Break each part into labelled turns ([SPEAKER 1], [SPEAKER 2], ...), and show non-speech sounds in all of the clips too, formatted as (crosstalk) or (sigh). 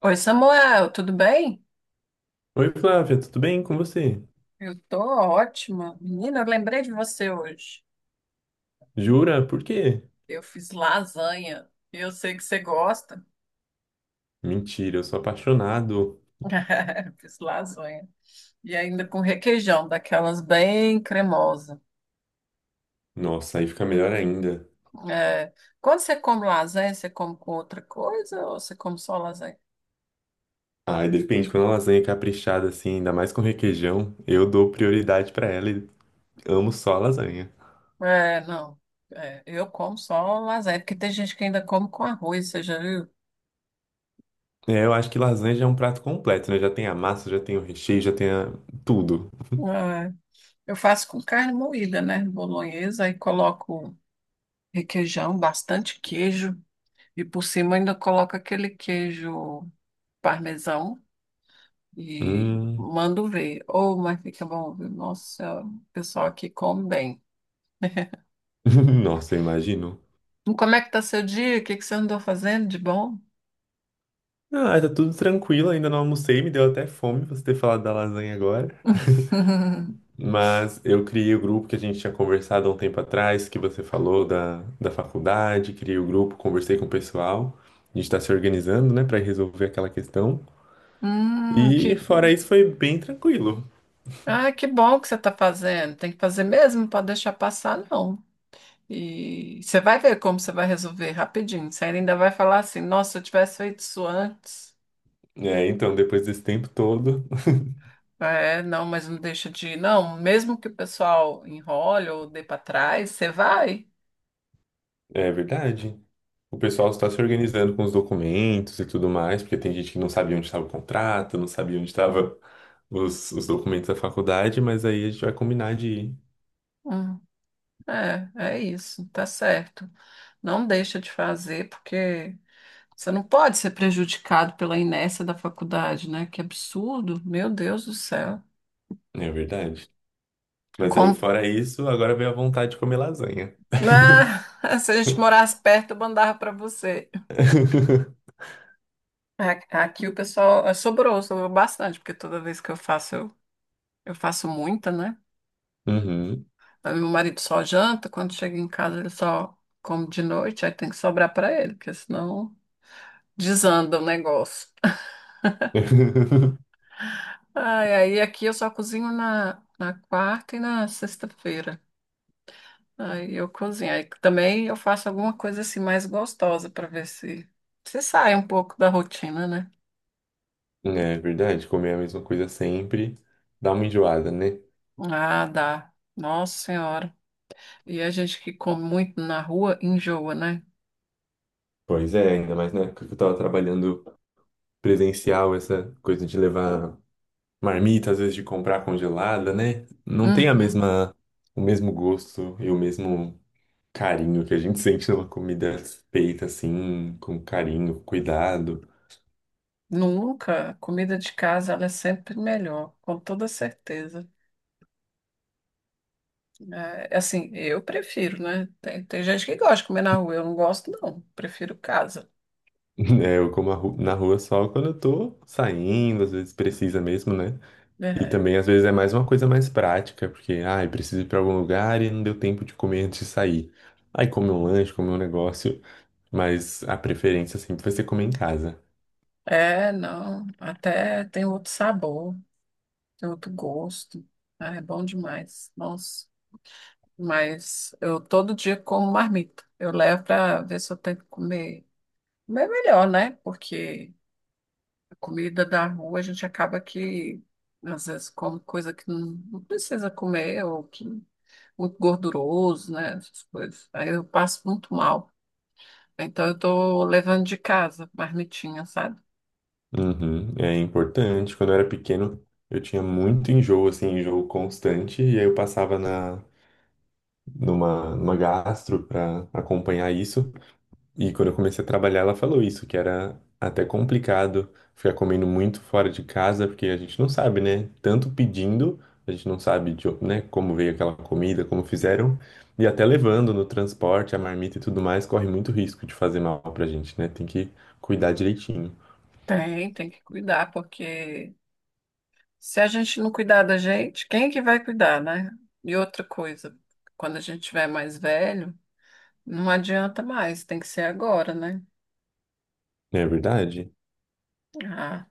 [SPEAKER 1] Oi, Samuel, tudo bem?
[SPEAKER 2] Oi, Flávia, tudo bem com você?
[SPEAKER 1] Eu tô ótima. Menina, eu lembrei de você hoje.
[SPEAKER 2] Jura? Por quê?
[SPEAKER 1] Eu fiz lasanha e Eu sei que você gosta.
[SPEAKER 2] Mentira, eu sou apaixonado.
[SPEAKER 1] (laughs) Fiz lasanha. E ainda com requeijão, daquelas bem cremosa.
[SPEAKER 2] Nossa, aí fica melhor ainda.
[SPEAKER 1] É, Quando você come lasanha, você come com outra coisa ou você come só lasanha?
[SPEAKER 2] Ai, depende, quando a lasanha é caprichada assim, ainda mais com requeijão, eu dou prioridade pra ela e amo só a lasanha.
[SPEAKER 1] É, não. É, eu como só lasanha, porque tem gente que ainda come com arroz, você já viu?
[SPEAKER 2] É, eu acho que lasanha já é um prato completo, né? Já tem a massa, já tem o recheio, já tem a tudo.
[SPEAKER 1] É, eu faço com carne moída, né? Bolonhesa, aí coloco requeijão, bastante queijo, e por cima ainda coloca aquele queijo parmesão e
[SPEAKER 2] Hum,
[SPEAKER 1] mando ver. Oh, mas fica bom, viu? Nossa, o pessoal aqui come bem.
[SPEAKER 2] (laughs) nossa, eu imagino.
[SPEAKER 1] Como é que tá seu dia? O que que você andou fazendo de bom?
[SPEAKER 2] Ah, tá tudo tranquilo, ainda não almocei, me deu até fome você ter falado da lasanha agora.
[SPEAKER 1] (laughs)
[SPEAKER 2] Mas eu criei o grupo que a gente tinha conversado há um tempo atrás, que você falou da faculdade, criei o grupo, conversei com o pessoal. A gente está se organizando, né, para resolver aquela questão. E
[SPEAKER 1] Que...
[SPEAKER 2] fora isso, foi bem tranquilo.
[SPEAKER 1] Ah, que bom que você está fazendo. Tem que fazer mesmo, não pode deixar passar, não. E você vai ver como você vai resolver rapidinho. Você ainda vai falar assim, nossa, se eu tivesse feito isso antes.
[SPEAKER 2] É, então, depois desse tempo todo,
[SPEAKER 1] É, não, mas não deixa de ir. Não, mesmo que o pessoal enrole ou dê para trás, você vai.
[SPEAKER 2] é verdade. O pessoal está se organizando com os documentos e tudo mais, porque tem gente que não sabia onde estava o contrato, não sabia onde estava os documentos da faculdade, mas aí a gente vai combinar de ir.
[SPEAKER 1] Hum, é, é isso, tá certo. Não deixa de fazer, porque você não pode ser prejudicado pela inércia da faculdade, né? Que absurdo, meu Deus do céu.
[SPEAKER 2] É verdade. Mas aí,
[SPEAKER 1] Como...
[SPEAKER 2] fora isso, agora veio a vontade de comer lasanha.
[SPEAKER 1] Ah, (laughs) se a gente morasse perto, eu mandava para você.
[SPEAKER 2] (laughs)
[SPEAKER 1] Aqui o pessoal sobrou, sobrou bastante, porque toda vez que eu faço, eu faço muita, né?
[SPEAKER 2] Uhum.
[SPEAKER 1] Aí meu marido só janta, quando chega em casa ele só come de noite, aí tem que sobrar para ele, porque senão desanda o negócio.
[SPEAKER 2] (laughs)
[SPEAKER 1] Ai, aí aqui eu só cozinho na quarta e na sexta-feira. Aí eu cozinho. Aí também eu faço alguma coisa assim mais gostosa para ver se sai um pouco da rotina, né?
[SPEAKER 2] É verdade, comer a mesma coisa sempre dá uma enjoada, né?
[SPEAKER 1] Ah, dá. Nossa Senhora. E a gente que come muito na rua enjoa, né?
[SPEAKER 2] Pois é, ainda mais na época que eu tava trabalhando presencial, essa coisa de levar marmita, às vezes de comprar congelada, né? Não tem a
[SPEAKER 1] Uhum.
[SPEAKER 2] mesma, o mesmo gosto e o mesmo carinho que a gente (laughs) sente numa comida feita assim, com carinho, com cuidado. (laughs)
[SPEAKER 1] Nunca. A comida de casa ela é sempre melhor, com toda certeza. É, é assim, eu prefiro, né? Tem gente que gosta de comer na rua, eu não gosto, não. Prefiro casa.
[SPEAKER 2] É, eu como a na rua só quando eu tô saindo, às vezes precisa mesmo, né? E
[SPEAKER 1] É,
[SPEAKER 2] também, às vezes, é mais uma coisa mais prática, porque, ai, preciso ir pra algum lugar e não deu tempo de comer antes de sair. Aí come um lanche, come um negócio, mas a preferência sempre vai ser comer em casa.
[SPEAKER 1] é, não, até tem outro sabor, tem outro gosto. Ah, é bom demais. Nossa, mas eu todo dia como marmita. Eu levo para ver se eu tenho que comer, comer melhor, né? Porque a comida da rua a gente acaba que às vezes come coisa que não, não precisa comer ou que é muito gorduroso, né? Essas coisas. Aí eu passo muito mal. Então eu tô levando de casa, marmitinha, sabe?
[SPEAKER 2] Uhum, é importante. Quando eu era pequeno, eu tinha muito enjoo, assim, enjoo constante, e aí eu passava na, numa gastro pra acompanhar isso. E quando eu comecei a trabalhar, ela falou isso, que era até complicado ficar comendo muito fora de casa, porque a gente não sabe, né? Tanto pedindo, a gente não sabe de, né, como veio aquela comida, como fizeram, e até levando no transporte, a marmita e tudo mais, corre muito risco de fazer mal pra gente, né? Tem que cuidar direitinho.
[SPEAKER 1] Tem, tem que cuidar, porque se a gente não cuidar da gente, quem é que vai cuidar, né? E outra coisa, quando a gente tiver mais velho, não adianta mais, tem que ser agora, né?
[SPEAKER 2] Não é verdade?
[SPEAKER 1] Ah,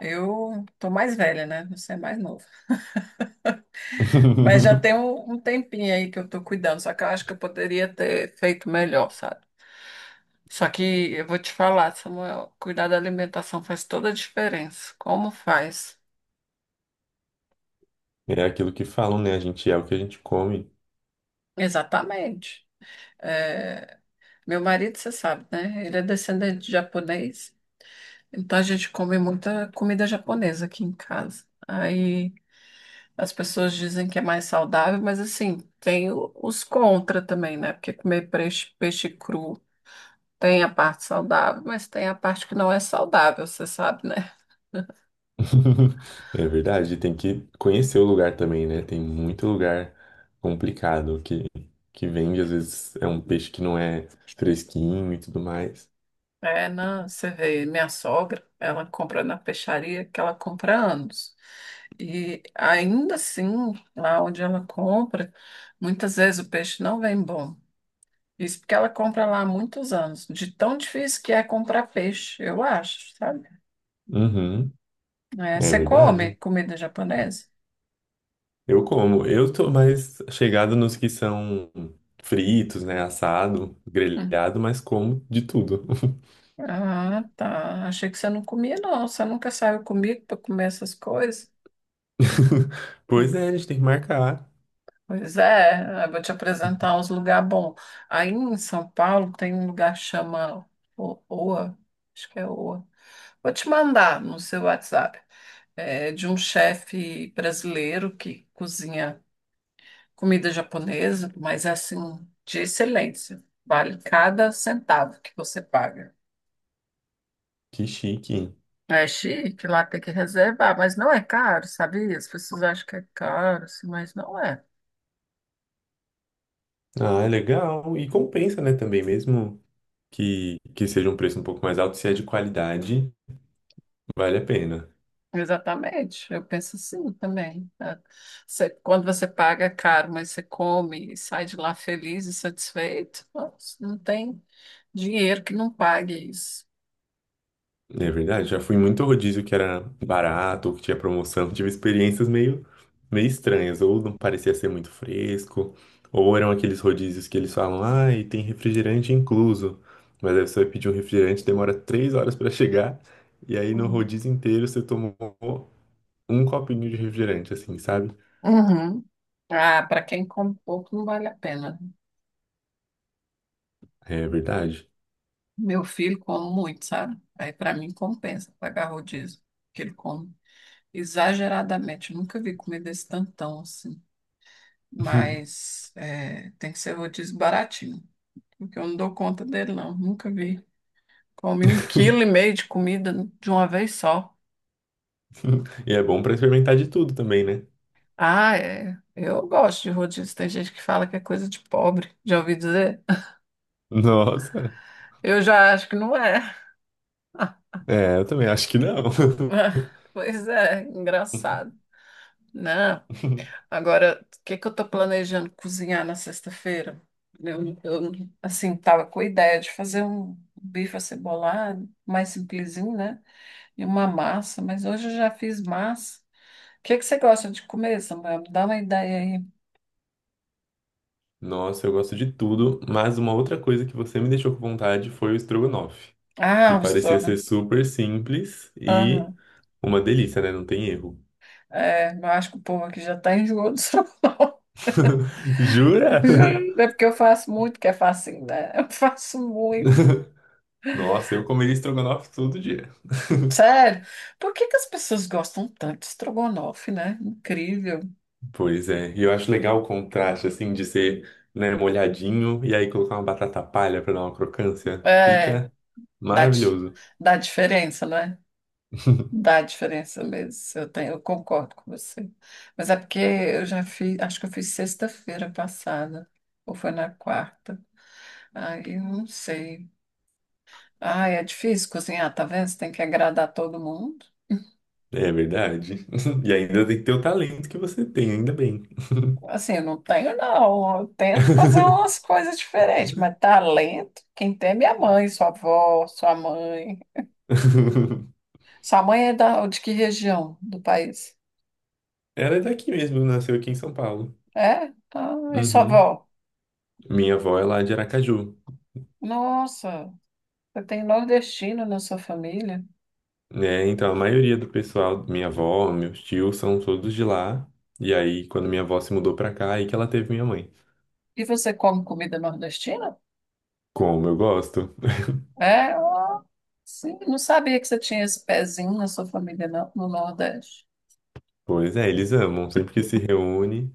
[SPEAKER 1] eu tô mais velha, né? Você é mais novo. Mas já tem
[SPEAKER 2] (laughs)
[SPEAKER 1] um tempinho aí que eu tô cuidando, só que eu acho que eu poderia ter feito melhor, sabe? Só que eu vou te falar, Samuel, cuidar da alimentação faz toda a diferença. Como faz?
[SPEAKER 2] É aquilo que falam, né? A gente é o que a gente come.
[SPEAKER 1] Exatamente. É, meu marido, você sabe, né? Ele é descendente de japonês, então a gente come muita comida japonesa aqui em casa. Aí as pessoas dizem que é mais saudável, mas assim, tem os contra também, né? Porque comer peixe, peixe cru tem a parte saudável, mas tem a parte que não é saudável, você sabe, né?
[SPEAKER 2] (laughs) É verdade, tem que conhecer o lugar também, né? Tem muito lugar complicado que vende, às vezes é um peixe que não é fresquinho e tudo mais.
[SPEAKER 1] É, na, você vê, minha sogra, ela compra na peixaria que ela compra há anos. E ainda assim, lá onde ela compra, muitas vezes o peixe não vem bom. Isso porque ela compra lá há muitos anos. De tão difícil que é comprar peixe, eu acho, sabe?
[SPEAKER 2] Uhum,
[SPEAKER 1] É,
[SPEAKER 2] é
[SPEAKER 1] você come
[SPEAKER 2] verdade.
[SPEAKER 1] comida japonesa?
[SPEAKER 2] Eu como, eu tô mais chegado nos que são fritos, né? Assado,
[SPEAKER 1] Hum.
[SPEAKER 2] grelhado, mas como de tudo.
[SPEAKER 1] Ah, tá. Achei que você não comia, não. Você nunca saiu comigo para comer essas coisas?
[SPEAKER 2] (laughs) Pois
[SPEAKER 1] Hum.
[SPEAKER 2] é, a gente tem que marcar.
[SPEAKER 1] Pois é, eu vou te apresentar uns lugares bons. Aí em São Paulo tem um lugar que chama Oa, acho que é Oa. Vou te mandar no seu WhatsApp. É, de um chefe brasileiro que cozinha comida japonesa, mas é, assim, de excelência. Vale cada centavo que você paga.
[SPEAKER 2] Que chique.
[SPEAKER 1] É chique, lá tem que reservar, mas não é caro, sabia? As pessoas acham que é caro, assim, mas não é.
[SPEAKER 2] Ah, é legal. E compensa, né? Também, mesmo que seja um preço um pouco mais alto, se é de qualidade. Vale a pena.
[SPEAKER 1] Exatamente, eu penso assim também. Tá? Você- quando você paga é caro, mas você come e sai de lá feliz e satisfeito, nossa, não tem dinheiro que não pague isso.
[SPEAKER 2] É verdade, já fui em muito rodízio que era barato, ou que tinha promoção. (laughs) Tive experiências meio, meio estranhas, ou não parecia ser muito fresco, ou eram aqueles rodízios que eles falam, ah, e tem refrigerante incluso. Mas aí você vai pedir um refrigerante, demora 3 horas para chegar, e aí no rodízio inteiro você tomou um copinho de refrigerante, assim, sabe?
[SPEAKER 1] Uhum. Ah, para quem come pouco não vale a pena.
[SPEAKER 2] É verdade.
[SPEAKER 1] Meu filho come muito, sabe? Aí para mim compensa pagar rodízio, que ele come exageradamente. Eu nunca vi comida desse tantão assim.
[SPEAKER 2] (laughs)
[SPEAKER 1] Mas é, tem que ser rodízio baratinho, porque eu não dou conta dele não. Nunca vi. Come um quilo e meio de comida de uma vez só.
[SPEAKER 2] E é bom para experimentar de tudo também, né?
[SPEAKER 1] Ah, é. Eu gosto de rodízio. Tem gente que fala que é coisa de pobre. Já ouvi dizer?
[SPEAKER 2] Nossa,
[SPEAKER 1] (laughs) Eu já acho que não é.
[SPEAKER 2] é, eu também acho que não.
[SPEAKER 1] (laughs) Ah, pois é, engraçado, né.
[SPEAKER 2] (laughs)
[SPEAKER 1] Agora, o que que eu tô planejando cozinhar na sexta-feira? Eu, eu, assim, tava com a ideia de fazer um bife acebolado, mais simplesinho, né? E uma massa, mas hoje eu já fiz massa. O que que você gosta de comer, Samuel? Me dá uma ideia aí.
[SPEAKER 2] Nossa, eu gosto de tudo, mas uma outra coisa que você me deixou com vontade foi o estrogonofe,
[SPEAKER 1] Ah,
[SPEAKER 2] que
[SPEAKER 1] o
[SPEAKER 2] parecia
[SPEAKER 1] estrogonofe.
[SPEAKER 2] ser super simples e
[SPEAKER 1] Aham.
[SPEAKER 2] uma delícia, né? Não tem erro.
[SPEAKER 1] É, eu acho que o povo aqui já tá enjoado do estrogonofe.
[SPEAKER 2] (laughs) Jura?
[SPEAKER 1] (laughs) É porque eu faço muito, que é facinho, né? Eu faço muito.
[SPEAKER 2] (laughs) Nossa, eu comeria estrogonofe todo dia. (laughs)
[SPEAKER 1] Sério, por que que as pessoas gostam tanto de estrogonofe, né? Incrível.
[SPEAKER 2] Pois é, e eu acho legal o contraste, assim, de ser, né, molhadinho e aí colocar uma batata palha pra dar uma crocância.
[SPEAKER 1] É,
[SPEAKER 2] Fica
[SPEAKER 1] dá,
[SPEAKER 2] maravilhoso.
[SPEAKER 1] dá diferença, né? Dá diferença mesmo. Eu tenho, eu concordo com você. Mas é porque eu já fiz, acho que eu fiz sexta-feira passada, ou foi na quarta. Aí eu não sei. Ai, é difícil cozinhar, tá vendo? Você tem que agradar todo mundo.
[SPEAKER 2] É verdade. (laughs) E ainda tem que ter o talento que você tem, ainda bem.
[SPEAKER 1] Assim, eu não tenho, não. Eu tento fazer umas coisas diferentes, mas talento, quem tem é minha mãe, sua avó, sua mãe.
[SPEAKER 2] (laughs)
[SPEAKER 1] Sua mãe é de que região do país?
[SPEAKER 2] Ela é daqui mesmo, nasceu aqui em São Paulo.
[SPEAKER 1] É? Ah, em sua
[SPEAKER 2] Uhum.
[SPEAKER 1] avó?
[SPEAKER 2] Minha avó é lá de Aracaju,
[SPEAKER 1] Nossa, você tem nordestino na sua família.
[SPEAKER 2] né? Então a maioria do pessoal, minha avó, meus tios, são todos de lá. E aí, quando minha avó se mudou pra cá, aí que ela teve minha mãe.
[SPEAKER 1] E você come comida nordestina?
[SPEAKER 2] Como eu gosto. (laughs)
[SPEAKER 1] É? Ah, sim, não sabia que você tinha esse pezinho na sua família não, no Nordeste.
[SPEAKER 2] Pois é, eles amam, sempre que se reúne.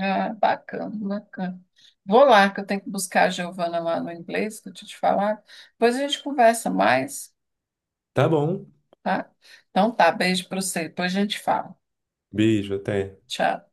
[SPEAKER 1] Ah, bacana, bacana. Vou lá, que eu tenho que buscar a Giovana lá no inglês, que eu tinha te falado. Depois a gente conversa mais,
[SPEAKER 2] Tá bom,
[SPEAKER 1] tá? Então tá, beijo para você. Depois a gente fala.
[SPEAKER 2] beijo, até.
[SPEAKER 1] Tchau.